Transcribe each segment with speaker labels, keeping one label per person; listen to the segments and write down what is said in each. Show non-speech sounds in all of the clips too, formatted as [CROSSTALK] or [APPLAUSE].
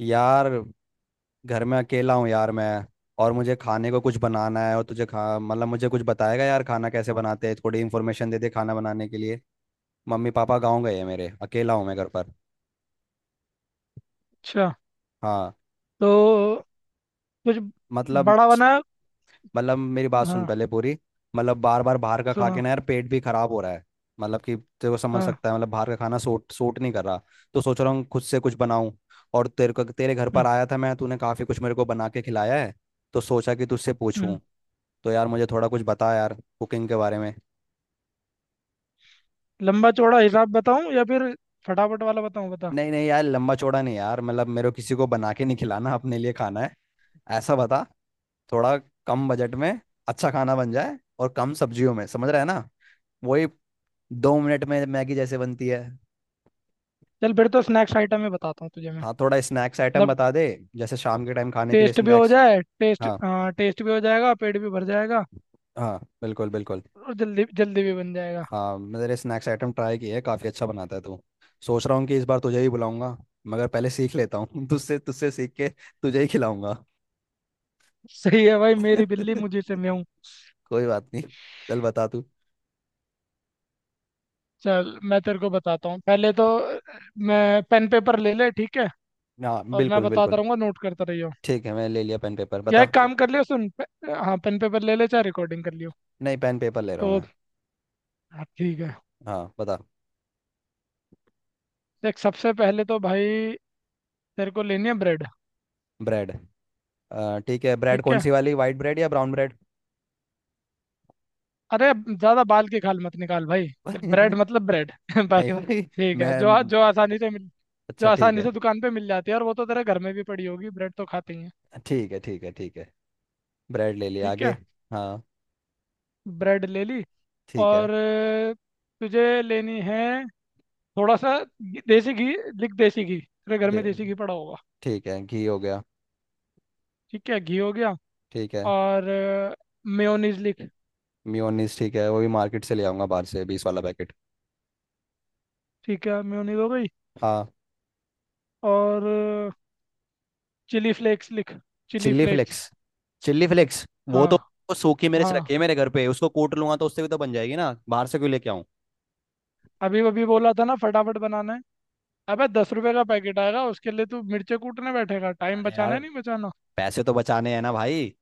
Speaker 1: यार। घर में अकेला हूँ यार मैं। और मुझे खाने को कुछ बनाना है और तुझे खा मतलब मुझे कुछ बताएगा यार खाना कैसे बनाते हैं। थोड़ी इन्फॉर्मेशन दे दे खाना बनाने के लिए। मम्मी पापा गाँव गए हैं मेरे। अकेला हूँ मैं घर पर।
Speaker 2: अच्छा।
Speaker 1: हाँ।
Speaker 2: तो कुछ
Speaker 1: मतलब
Speaker 2: बड़ा बना।
Speaker 1: मतलब मेरी बात सुन
Speaker 2: हाँ,
Speaker 1: पहले पूरी। मतलब बार बार बाहर का खा के
Speaker 2: सुना।
Speaker 1: ना यार पेट भी खराब हो रहा है। मतलब कि तेरे को समझ
Speaker 2: हाँ।
Speaker 1: सकता है मतलब बाहर का खाना सूट सूट नहीं कर रहा। तो सोच रहा हूँ खुद से कुछ बनाऊँ। और तेरे को तेरे घर पर
Speaker 2: हम्म।
Speaker 1: आया था मैं तूने काफ़ी कुछ मेरे को बना के खिलाया है। तो सोचा कि तुझसे पूछूं।
Speaker 2: हम्म।
Speaker 1: तो यार मुझे थोड़ा कुछ बता यार कुकिंग के बारे में।
Speaker 2: लंबा चौड़ा हिसाब बताऊं या फिर फटाफट वाला बताऊं, बता।
Speaker 1: नहीं नहीं यार लंबा चौड़ा नहीं यार मतलब मेरे को किसी को बना के नहीं खिलाना अपने लिए खाना है। ऐसा बता। थोड़ा। कम बजट में। अच्छा खाना बन जाए और कम सब्जियों में समझ रहा है ना। वही। 2 मिनट में मैगी जैसे बनती है।
Speaker 2: चल फिर तो स्नैक्स आइटम में बताता हूँ तुझे मैं।
Speaker 1: हाँ थोड़ा स्नैक्स आइटम
Speaker 2: मतलब
Speaker 1: बता दे। जैसे शाम के टाइम खाने के लिए
Speaker 2: टेस्ट भी हो
Speaker 1: स्नैक्स।
Speaker 2: जाए, टेस्ट,
Speaker 1: हाँ।
Speaker 2: हाँ टेस्ट भी हो जाएगा, पेट भी भर जाएगा।
Speaker 1: हाँ बिल्कुल बिल्कुल।
Speaker 2: और जल्दी जल्दी भी बन जाएगा।
Speaker 1: हाँ मेरे स्नैक्स आइटम ट्राई किए हैं काफ़ी अच्छा बनाता है तू। सोच रहा हूँ कि इस बार तुझे ही बुलाऊंगा। मगर पहले सीख लेता हूँ [LAUGHS] तुझसे तुझसे सीख के तुझे ही खिलाऊंगा।
Speaker 2: सही है भाई, मेरी बिल्ली
Speaker 1: [LAUGHS]
Speaker 2: मुझे से मैं हूँ।
Speaker 1: कोई बात नहीं। चल बता तू।
Speaker 2: चल मैं तेरे को बताता हूँ। पहले तो मैं पेन पेपर ले ले, ठीक है।
Speaker 1: हाँ
Speaker 2: और मैं
Speaker 1: बिल्कुल
Speaker 2: बताता
Speaker 1: बिल्कुल।
Speaker 2: रहूंगा, नोट करता रहियो।
Speaker 1: ठीक है मैं ले लिया पेन पेपर
Speaker 2: या
Speaker 1: बता।
Speaker 2: एक काम कर लियो, हाँ पेन पेपर ले ले, चाहे रिकॉर्डिंग कर लियो।
Speaker 1: नहीं पेन पेपर ले रहा
Speaker 2: तो
Speaker 1: हूँ मैं।
Speaker 2: हाँ ठीक है।
Speaker 1: हाँ बता।
Speaker 2: देख सबसे पहले तो भाई, तेरे को लेनी है ब्रेड।
Speaker 1: ब्रेड। ठीक है ब्रेड
Speaker 2: ठीक
Speaker 1: कौन
Speaker 2: है।
Speaker 1: सी वाली वाइट ब्रेड या ब्राउन ब्रेड?
Speaker 2: अरे ज्यादा बाल की खाल मत निकाल भाई।
Speaker 1: [LAUGHS] नहीं
Speaker 2: ब्रेड मतलब ब्रेड [LAUGHS] बस।
Speaker 1: भाई
Speaker 2: ठीक है,
Speaker 1: मैं।
Speaker 2: जो आसानी से मिल, जो
Speaker 1: अच्छा ठीक
Speaker 2: आसानी
Speaker 1: है।
Speaker 2: से दुकान पे मिल जाती है, और वो तो तेरे घर में भी पड़ी होगी, ब्रेड तो खाते ही हैं।
Speaker 1: ठीक है ठीक है ठीक है। ब्रेड ले लिया
Speaker 2: ठीक
Speaker 1: आगे।
Speaker 2: है,
Speaker 1: हाँ
Speaker 2: ब्रेड ले ली।
Speaker 1: ठीक है।
Speaker 2: और तुझे लेनी है थोड़ा सा देसी घी। लिख देसी घी, तेरे घर में
Speaker 1: दे।
Speaker 2: देसी घी पड़ा होगा।
Speaker 1: ठीक है घी हो गया।
Speaker 2: ठीक है, घी हो गया।
Speaker 1: ठीक है।
Speaker 2: और मेयोनीज लिख।
Speaker 1: मियोनीस ठीक है वो भी मार्केट से ले आऊंगा बाहर से 20 वाला पैकेट।
Speaker 2: ठीक है, मेयोनीज हो गई।
Speaker 1: हाँ।
Speaker 2: और चिली फ्लेक्स लिख। Chilli
Speaker 1: chilli
Speaker 2: flakes.
Speaker 1: Flakes chilli flakes. वो
Speaker 2: हाँ।
Speaker 1: तो। वो सूखी मिर्च
Speaker 2: हाँ
Speaker 1: रखी है मेरे घर पे उसको कूट लूंगा तो उससे भी तो बन जाएगी ना बाहर से क्यों लेके आऊं?
Speaker 2: अभी अभी बोला था ना, फटाफट बनाना है। अबे दस रुपए का पैकेट आएगा, उसके लिए तू मिर्चे कूटने बैठेगा? टाइम
Speaker 1: अरे
Speaker 2: बचाना
Speaker 1: यार
Speaker 2: है नहीं बचाना?
Speaker 1: पैसे तो बचाने हैं ना भाई।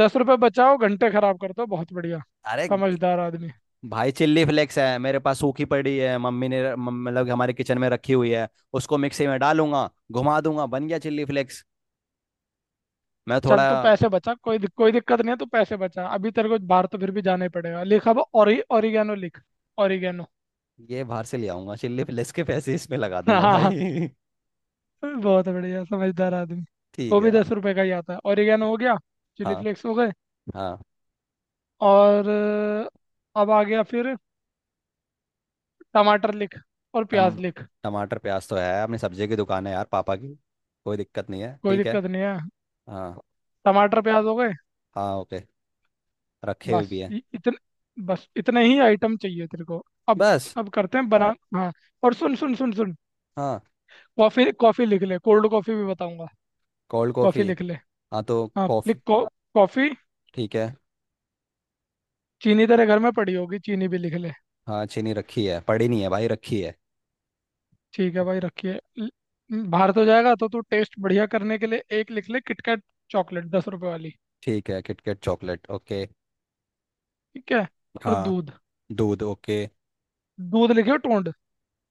Speaker 2: 10 रुपए बचाओ, घंटे खराब कर दो, बहुत बढ़िया
Speaker 1: अरे।
Speaker 2: समझदार आदमी।
Speaker 1: भाई चिल्ली फ्लेक्स है मेरे पास सूखी पड़ी है मम्मी ने मतलब कि हमारे किचन में रखी हुई है। उसको मिक्सी में डालूंगा घुमा दूंगा बन गया चिल्ली फ्लेक्स। मैं
Speaker 2: चल
Speaker 1: थोड़ा।
Speaker 2: तू पैसे बचा, कोई दिक्कत नहीं है। तू पैसे बचा, अभी तेरे को बाहर तो फिर भी जाना ही पड़ेगा। लिख अब, ओरिगेनो लिख। ओरिगेनो।
Speaker 1: ये बाहर से ले आऊंगा चिल्ली फ्लेक्स के पैसे इसमें लगा दूंगा
Speaker 2: हाँ
Speaker 1: भाई।
Speaker 2: [LAUGHS] बहुत बढ़िया समझदार आदमी।
Speaker 1: [LAUGHS] ठीक
Speaker 2: वो
Speaker 1: है।
Speaker 2: भी 10 रुपए का ही आता है। ओरिगेनो हो गया, चिली
Speaker 1: हाँ।
Speaker 2: फ्लेक्स हो गए।
Speaker 1: हाँ।
Speaker 2: और अब आ गया फिर, टमाटर लिख और
Speaker 1: टम
Speaker 2: प्याज लिख।
Speaker 1: टमाटर प्याज तो है अपनी सब्जी की दुकान है यार पापा की। कोई दिक्कत नहीं है
Speaker 2: कोई
Speaker 1: ठीक है।
Speaker 2: दिक्कत नहीं है,
Speaker 1: हाँ।
Speaker 2: टमाटर प्याज हो गए।
Speaker 1: हाँ ओके। रखे हुए
Speaker 2: बस
Speaker 1: भी है।
Speaker 2: इ- इतने बस इतने ही आइटम चाहिए तेरे को। अब
Speaker 1: बस।
Speaker 2: अब करते हैं बना, हाँ। और सुन सुन सुन सुन,
Speaker 1: हाँ
Speaker 2: कॉफी कॉफी लिख ले, कोल्ड कॉफी भी बताऊंगा।
Speaker 1: Cold
Speaker 2: coffee
Speaker 1: coffee.
Speaker 2: लिख ले।
Speaker 1: हाँ तो
Speaker 2: हाँ
Speaker 1: कॉफ़ी।
Speaker 2: लिख, कॉफी।
Speaker 1: ठीक है।
Speaker 2: चीनी तेरे घर में पड़ी होगी, चीनी भी लिख ले।
Speaker 1: हाँ चीनी रखी है पड़ी नहीं है भाई रखी है।
Speaker 2: ठीक है भाई, बाहर तो जाएगा तो तू, टेस्ट बढ़िया करने के लिए एक लिख ले किटकैट चॉकलेट 10 रुपए वाली।
Speaker 1: ठीक है किटकैट चॉकलेट ओके।
Speaker 2: ठीक है। और
Speaker 1: हाँ।
Speaker 2: दूध,
Speaker 1: दूध ओके।
Speaker 2: दूध लिखे टोंड।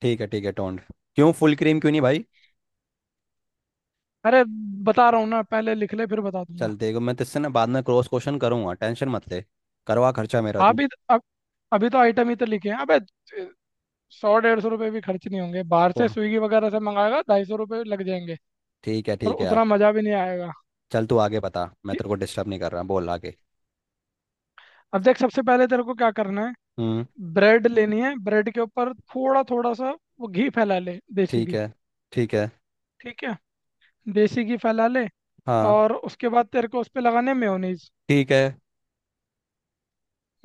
Speaker 1: ठीक है टोंड। क्यों फुल क्रीम क्यों नहीं भाई?
Speaker 2: अरे बता रहा हूँ ना, पहले लिख ले फिर बता दूंगा।
Speaker 1: चलते हैं, मैं तुझसे ना बाद में क्रॉस क्वेश्चन करूँगा टेंशन मत ले। करवा खर्चा मेरा तू।
Speaker 2: अभी तो, अब अभी तो आइटम ही तो लिखे हैं अबे। 100 150 रुपये भी खर्च नहीं होंगे, बाहर से
Speaker 1: वाह,
Speaker 2: स्विगी वगैरह से मंगाएगा 250 रुपये लग जाएंगे। और
Speaker 1: ठीक है
Speaker 2: उतना
Speaker 1: आप।
Speaker 2: मज़ा भी नहीं आएगा।
Speaker 1: चल तू आगे बता मैं
Speaker 2: ठीक-
Speaker 1: तेरे को डिस्टर्ब नहीं कर रहा बोल आगे।
Speaker 2: अब देख सबसे पहले तेरे को क्या करना है।
Speaker 1: हम्म।
Speaker 2: ब्रेड लेनी है, ब्रेड के ऊपर थोड़ा थोड़ा सा वो घी फैला ले, देसी
Speaker 1: ठीक
Speaker 2: घी।
Speaker 1: है। ठीक है।
Speaker 2: ठीक है, देसी घी फैला ले।
Speaker 1: हाँ।
Speaker 2: और उसके बाद तेरे को उस पर लगाने मेयोनीज।
Speaker 1: ठीक है।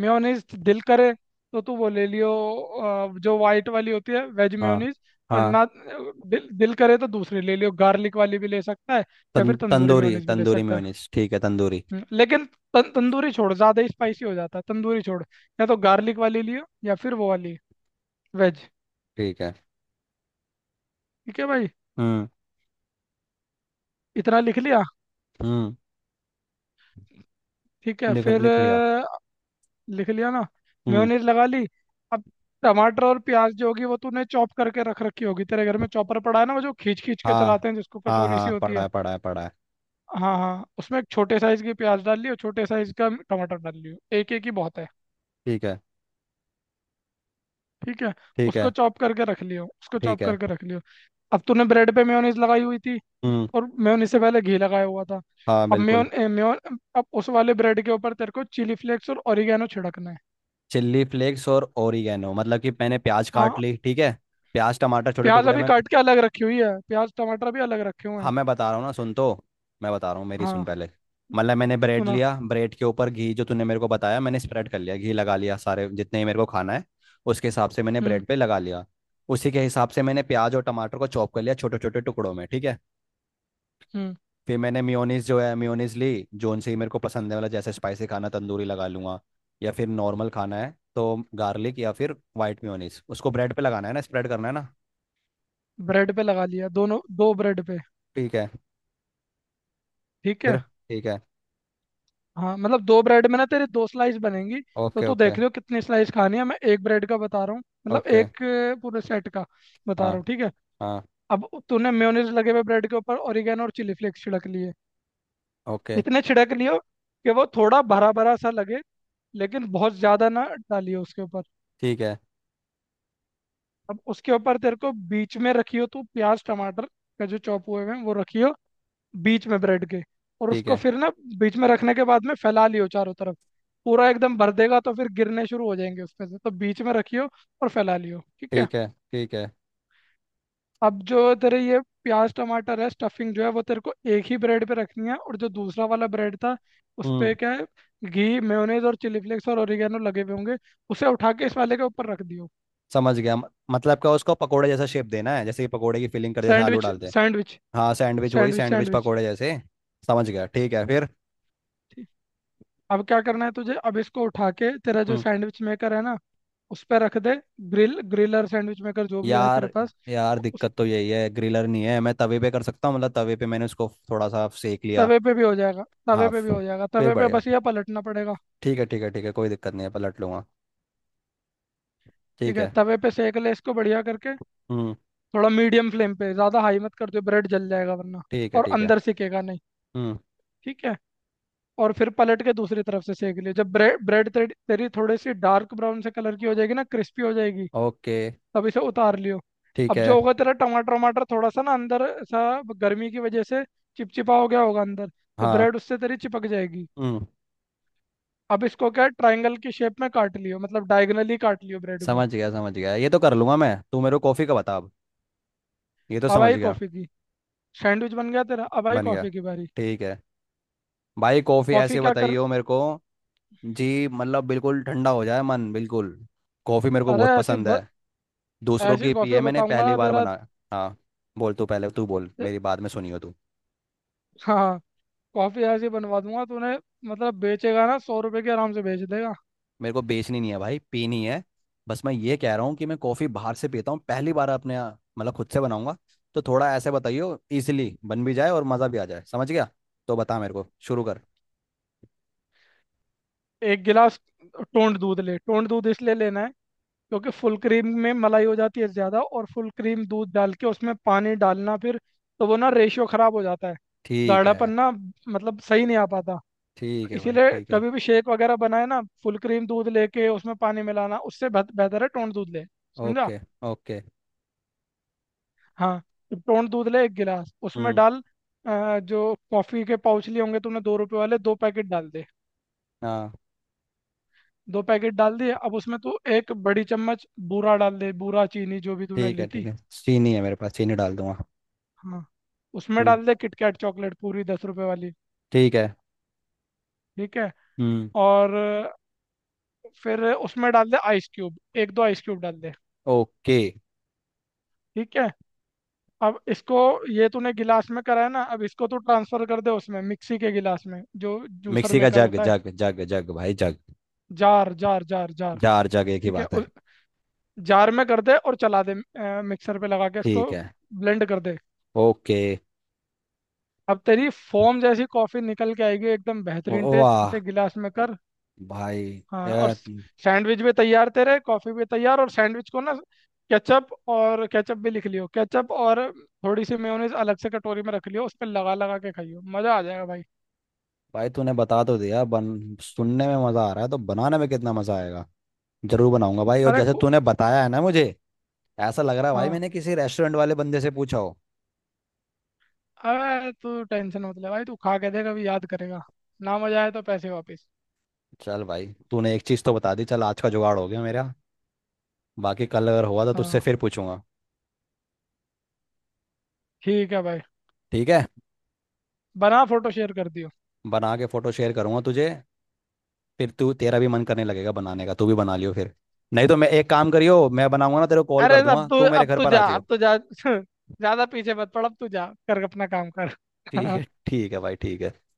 Speaker 2: मेयोनीज दिल करे तो तू वो ले लियो, जो वाइट वाली होती है, वेज
Speaker 1: हाँ।
Speaker 2: मेयोनीज। और
Speaker 1: हाँ
Speaker 2: ना, दिल करे तो दूसरी ले लियो, गार्लिक वाली भी ले सकता है। या फिर तंदूरी
Speaker 1: तंदूरी
Speaker 2: मेयोनीज भी ले
Speaker 1: तंदूरी
Speaker 2: सकता है।
Speaker 1: मेयोनीज ठीक है तंदूरी।
Speaker 2: लेकिन तंदूरी छोड़, ज़्यादा ही स्पाइसी हो जाता है, तंदूरी छोड़। या तो गार्लिक वाली लियो, या फिर वो वाली, वेज।
Speaker 1: ठीक है।
Speaker 2: ठीक है भाई,
Speaker 1: हम्म।
Speaker 2: इतना लिख लिया।
Speaker 1: हम्म
Speaker 2: ठीक है
Speaker 1: लिख
Speaker 2: फिर,
Speaker 1: लिख लिया।
Speaker 2: लिख लिया ना।
Speaker 1: हम्म।
Speaker 2: मेयोनीज लगा ली। अब टमाटर और प्याज जो होगी वो तूने चॉप करके रख रखी होगी। तेरे घर में चॉपर पड़ा है ना, वो जो खींच खींच के
Speaker 1: हाँ
Speaker 2: चलाते हैं, जिसको
Speaker 1: हाँ
Speaker 2: कटोरी सी
Speaker 1: हाँ
Speaker 2: होती
Speaker 1: पढ़ा
Speaker 2: है।
Speaker 1: है पढ़ा है पढ़ा है।
Speaker 2: हाँ हाँ, उसमें एक छोटे साइज की प्याज डाल लियो, छोटे साइज का टमाटर डाल लियो, एक एक ही बहुत है।
Speaker 1: ठीक है
Speaker 2: ठीक है,
Speaker 1: ठीक
Speaker 2: उसको
Speaker 1: है
Speaker 2: चॉप करके रख लियो, उसको
Speaker 1: ठीक
Speaker 2: चॉप
Speaker 1: है।
Speaker 2: करके रख लियो। अब तूने ब्रेड पे मेयोनीज लगाई हुई थी,
Speaker 1: हम्म।
Speaker 2: और मेयोनीज से पहले घी लगाया हुआ था।
Speaker 1: हाँ
Speaker 2: अब
Speaker 1: बिल्कुल।
Speaker 2: मेयोन ए, मेयोन अब उस वाले ब्रेड के ऊपर तेरे को चिली फ्लेक्स और ओरिगेनो छिड़कना है।
Speaker 1: चिल्ली फ्लेक्स और ओरिगेनो मतलब कि मैंने प्याज काट
Speaker 2: हाँ,
Speaker 1: ली ठीक है। प्याज टमाटर छोटे
Speaker 2: प्याज
Speaker 1: टुकड़े
Speaker 2: अभी
Speaker 1: में।
Speaker 2: काट के अलग रखी हुई है, प्याज टमाटर भी अलग रखे हुए
Speaker 1: हाँ
Speaker 2: हैं।
Speaker 1: मैं बता रहा हूँ ना सुन तो। मैं बता रहा हूँ मेरी सुन
Speaker 2: हाँ,
Speaker 1: पहले। मतलब मैंने ब्रेड
Speaker 2: सुना।
Speaker 1: लिया ब्रेड के ऊपर घी जो तूने मेरे को बताया मैंने स्प्रेड कर लिया घी लगा लिया सारे जितने ही मेरे को खाना है। उसके हिसाब से मैंने
Speaker 2: हम्म
Speaker 1: ब्रेड पे लगा लिया। उसी के हिसाब से मैंने प्याज और टमाटर को चॉप कर लिया छोटे छोटे टुकड़ों में ठीक है।
Speaker 2: हम्म
Speaker 1: फिर मैंने मेयोनीज जो है मेयोनीज ली जोन से ही मेरे को पसंद है वाला जैसे स्पाइसी खाना तंदूरी लगा लूंगा। या फिर नॉर्मल खाना है तो गार्लिक या फिर वाइट मेयोनीज उसको ब्रेड पे लगाना है ना स्प्रेड करना है ना।
Speaker 2: ब्रेड पे लगा लिया, दोनों दो ब्रेड पे।
Speaker 1: ठीक है
Speaker 2: ठीक है।
Speaker 1: फिर ठीक है।
Speaker 2: हाँ मतलब दो ब्रेड में ना तेरे दो स्लाइस बनेंगी। तो
Speaker 1: ओके
Speaker 2: तू
Speaker 1: ओके।
Speaker 2: देख लियो कितनी स्लाइस खानी है, मैं एक ब्रेड का बता रहा हूँ। मतलब
Speaker 1: ओके।
Speaker 2: एक पूरे सेट का बता रहा
Speaker 1: हाँ।
Speaker 2: हूँ, ठीक है।
Speaker 1: हाँ
Speaker 2: अब तूने मेयोनीज लगे हुए ब्रेड के ऊपर ओरिगेनो और चिली फ्लेक्स छिड़क लिए।
Speaker 1: ओके।
Speaker 2: इतने छिड़क लियो कि वो थोड़ा भरा भरा सा लगे, लेकिन बहुत ज़्यादा ना डालियो उसके ऊपर।
Speaker 1: ठीक है।
Speaker 2: अब उसके ऊपर तेरे को बीच में रखियो तू प्याज टमाटर का जो चॉप हुए हुए हैं, वो रखियो बीच में ब्रेड के। और
Speaker 1: ठीक
Speaker 2: उसको
Speaker 1: है
Speaker 2: फिर ना, बीच में रखने के बाद में फैला लियो चारों तरफ। पूरा एकदम भर देगा तो फिर गिरने शुरू हो जाएंगे उसमें से, तो बीच में रखियो और फैला लियो, ठीक है।
Speaker 1: ठीक है ठीक है।
Speaker 2: अब जो तेरे ये प्याज टमाटर है स्टफिंग जो है, वो तेरे को एक ही ब्रेड पे रखनी है, और जो दूसरा वाला ब्रेड था उस पे
Speaker 1: हम्म।
Speaker 2: क्या है, घी मेयोनेज और चिली फ्लेक्स और ओरिगेनो लगे हुए होंगे। उसे उठा के इस वाले के ऊपर रख दियो।
Speaker 1: समझ गया मतलब क्या उसको पकोड़े जैसा शेप देना है जैसे कि पकोड़े की फिलिंग कर जैसे आलू
Speaker 2: सैंडविच,
Speaker 1: डालते हैं।
Speaker 2: सैंडविच,
Speaker 1: हाँ सैंडविच वही
Speaker 2: सैंडविच,
Speaker 1: सैंडविच
Speaker 2: सैंडविच।
Speaker 1: पकोड़े जैसे। समझ गया ठीक है फिर।
Speaker 2: अब क्या करना है तुझे, अब इसको उठा के तेरा जो
Speaker 1: हम्म।
Speaker 2: सैंडविच मेकर है ना, उस पर रख दे। ग्रिलर, सैंडविच मेकर, जो भी है
Speaker 1: यार।
Speaker 2: तेरे पास।
Speaker 1: यार
Speaker 2: उस
Speaker 1: दिक्कत तो यही है ग्रिलर नहीं है मैं तवे पे कर सकता हूँ मतलब तवे पे मैंने उसको थोड़ा सा सेक लिया।
Speaker 2: तवे पे भी हो जाएगा, तवे पे
Speaker 1: हाफ।
Speaker 2: भी हो जाएगा,
Speaker 1: फिर
Speaker 2: तवे पे
Speaker 1: बढ़िया।
Speaker 2: बस ये पलटना पड़ेगा।
Speaker 1: ठीक है ठीक है ठीक है कोई दिक्कत नहीं है पलट लूंगा।
Speaker 2: ठीक
Speaker 1: ठीक
Speaker 2: है,
Speaker 1: है।
Speaker 2: तवे पे सेक ले इसको बढ़िया करके।
Speaker 1: हम्म।
Speaker 2: थोड़ा मीडियम फ्लेम पे, ज़्यादा हाई मत कर दो, ब्रेड जल जाएगा वरना,
Speaker 1: ठीक है।
Speaker 2: और
Speaker 1: ठीक है।
Speaker 2: अंदर सिकेगा नहीं।
Speaker 1: हम्म।
Speaker 2: ठीक है। और फिर पलट के दूसरी तरफ से सेक ले, जब ब्रेड ब्रेड तेरी तेरी थोड़ी सी डार्क ब्राउन से कलर की हो जाएगी ना, क्रिस्पी हो जाएगी,
Speaker 1: ओके।
Speaker 2: अब इसे उतार लियो।
Speaker 1: ठीक
Speaker 2: अब जो
Speaker 1: है।
Speaker 2: होगा तेरा टमाटर वमाटर थोड़ा सा ना अंदर सा, गर्मी की वजह से चिपचिपा हो गया होगा अंदर, तो
Speaker 1: हाँ।
Speaker 2: ब्रेड उससे तेरी चिपक जाएगी।
Speaker 1: हम्म।
Speaker 2: अब इसको क्या, ट्रायंगल की शेप में काट लियो, मतलब डायगनली काट लियो ब्रेड को।
Speaker 1: समझ गया ये तो कर लूंगा मैं तू मेरे को कॉफ़ी का बता अब। ये तो
Speaker 2: अब
Speaker 1: समझ
Speaker 2: आई
Speaker 1: गया।
Speaker 2: कॉफ़ी की सैंडविच बन गया तेरा, अब आई
Speaker 1: बन गया।
Speaker 2: कॉफ़ी की बारी।
Speaker 1: ठीक है। भाई कॉफ़ी
Speaker 2: कॉफ़ी
Speaker 1: ऐसे
Speaker 2: क्या कर,
Speaker 1: बताइयो मेरे को। जी मतलब बिल्कुल ठंडा हो जाए मन बिल्कुल। कॉफ़ी मेरे को
Speaker 2: अरे
Speaker 1: बहुत
Speaker 2: ऐसी
Speaker 1: पसंद
Speaker 2: ब...
Speaker 1: है। दूसरों
Speaker 2: ऐसी
Speaker 1: की पी
Speaker 2: कॉफ़ी
Speaker 1: है मैंने
Speaker 2: बताऊंगा
Speaker 1: पहली
Speaker 2: ना
Speaker 1: बार
Speaker 2: तेरा,
Speaker 1: बनाया। हाँ। बोल तू पहले तू बोल मेरी बाद में सुनियो तू।
Speaker 2: हाँ। कॉफ़ी ऐसी बनवा दूंगा तूने, मतलब बेचेगा ना 100 रुपए के आराम से बेच देगा।
Speaker 1: मेरे को बेचनी नहीं है भाई पीनी है। बस मैं ये कह रहा हूँ कि मैं कॉफ़ी बाहर से पीता हूँ पहली बार अपने यहाँ, मतलब खुद से बनाऊंगा। तो थोड़ा ऐसे बताइयो इजीली बन भी जाए और मज़ा भी आ जाए समझ गया। तो बता मेरे को शुरू कर।
Speaker 2: एक गिलास टोंड दूध ले। टोंड दूध इसलिए लेना है, क्योंकि फुल क्रीम में मलाई हो जाती है ज़्यादा, और फुल क्रीम दूध डाल के उसमें पानी डालना फिर, तो वो ना रेशियो ख़राब हो जाता है,
Speaker 1: ठीक
Speaker 2: गाढ़ापन
Speaker 1: है
Speaker 2: ना मतलब सही नहीं आ पाता।
Speaker 1: ठीक है भाई
Speaker 2: इसीलिए
Speaker 1: ठीक है।
Speaker 2: कभी भी शेक वगैरह बनाए ना, फुल क्रीम दूध लेके उसमें पानी मिलाना उससे बेहतर है टोंड दूध ले। समझा।
Speaker 1: Okay okay.
Speaker 2: हाँ, तो टोंड दूध ले एक गिलास, उसमें
Speaker 1: हम्म।
Speaker 2: डाल जो कॉफ़ी के पाउच लिए होंगे तूने 2 रुपए वाले, दो पैकेट डाल दे।
Speaker 1: हाँ
Speaker 2: दो पैकेट डाल दिए, अब उसमें तू एक बड़ी चम्मच बूरा डाल दे, बूरा चीनी जो भी तूने ली थी।
Speaker 1: ठीक है चीनी है मेरे पास चीनी डाल दूंगा।
Speaker 2: हाँ, उसमें
Speaker 1: हम्म।
Speaker 2: डाल दे किटकैट चॉकलेट पूरी 10 रुपए वाली।
Speaker 1: ठीक है।
Speaker 2: ठीक है।
Speaker 1: हम्म।
Speaker 2: और फिर उसमें डाल दे आइस क्यूब, एक दो आइस क्यूब डाल दे।
Speaker 1: ओके।
Speaker 2: ठीक है। अब इसको, ये तूने गिलास में करा है ना, अब इसको तू ट्रांसफर कर दे उसमें मिक्सी के गिलास में, जो जूसर
Speaker 1: मिक्सी का
Speaker 2: मेकर
Speaker 1: जग
Speaker 2: होता है,
Speaker 1: जग जग जग भाई jug.
Speaker 2: Jar, jar, jar, jar.
Speaker 1: चार जगह की
Speaker 2: ठीक है,
Speaker 1: बात
Speaker 2: उस
Speaker 1: है।
Speaker 2: जार में कर दे और चला दे, मिक्सर पे लगा के
Speaker 1: ठीक
Speaker 2: इसको
Speaker 1: है।
Speaker 2: ब्लेंड कर दे।
Speaker 1: ओके।
Speaker 2: अब तेरी फोम जैसी कॉफी निकल के आएगी, एकदम बेहतरीन टेस्ट,
Speaker 1: वाह।
Speaker 2: उसे गिलास में कर।
Speaker 1: भाई।
Speaker 2: हाँ, और
Speaker 1: ए,
Speaker 2: सैंडविच भी तैयार तेरे, कॉफी भी तैयार। और सैंडविच को ना, केचप, और केचप भी लिख लियो, केचप और थोड़ी सी मेयोनीज अलग से कटोरी में रख लियो, उस पर लगा लगा के खाइयो, मजा आ जाएगा भाई।
Speaker 1: भाई तूने बता तो दिया बन सुनने में मज़ा आ रहा है तो बनाने में कितना मज़ा आएगा। जरूर बनाऊंगा भाई और
Speaker 2: अरे
Speaker 1: जैसे
Speaker 2: खू
Speaker 1: तूने बताया है ना मुझे। ऐसा लग रहा है भाई
Speaker 2: हाँ,
Speaker 1: मैंने किसी रेस्टोरेंट वाले बंदे से पूछा हो।
Speaker 2: अरे तू टेंशन मत ले भाई, तू खा के देख, अभी याद करेगा, ना मजा आए तो पैसे वापस।
Speaker 1: चल भाई। तूने एक चीज़ तो बता दी चल आज का जुगाड़ हो गया मेरा। बाकी कल अगर हुआ तो तुझसे
Speaker 2: हाँ
Speaker 1: फिर पूछूंगा।
Speaker 2: ठीक है भाई,
Speaker 1: ठीक है।
Speaker 2: बना फोटो शेयर कर दियो।
Speaker 1: बना के फोटो शेयर करूंगा तुझे। फिर तू तेरा भी मन करने लगेगा बनाने का तू भी बना लियो फिर। नहीं तो मैं एक काम करियो मैं बनाऊंगा ना तेरे को कॉल
Speaker 2: अरे
Speaker 1: कर दूंगा तू मेरे
Speaker 2: अब
Speaker 1: घर
Speaker 2: तू
Speaker 1: पर आ
Speaker 2: जा,
Speaker 1: जाइयो।
Speaker 2: अब तू जा [LAUGHS] ज्यादा पीछे मत पड़, अब तू जा कर अपना काम कर [LAUGHS] हाँ।
Speaker 1: ठीक है भाई ठीक है।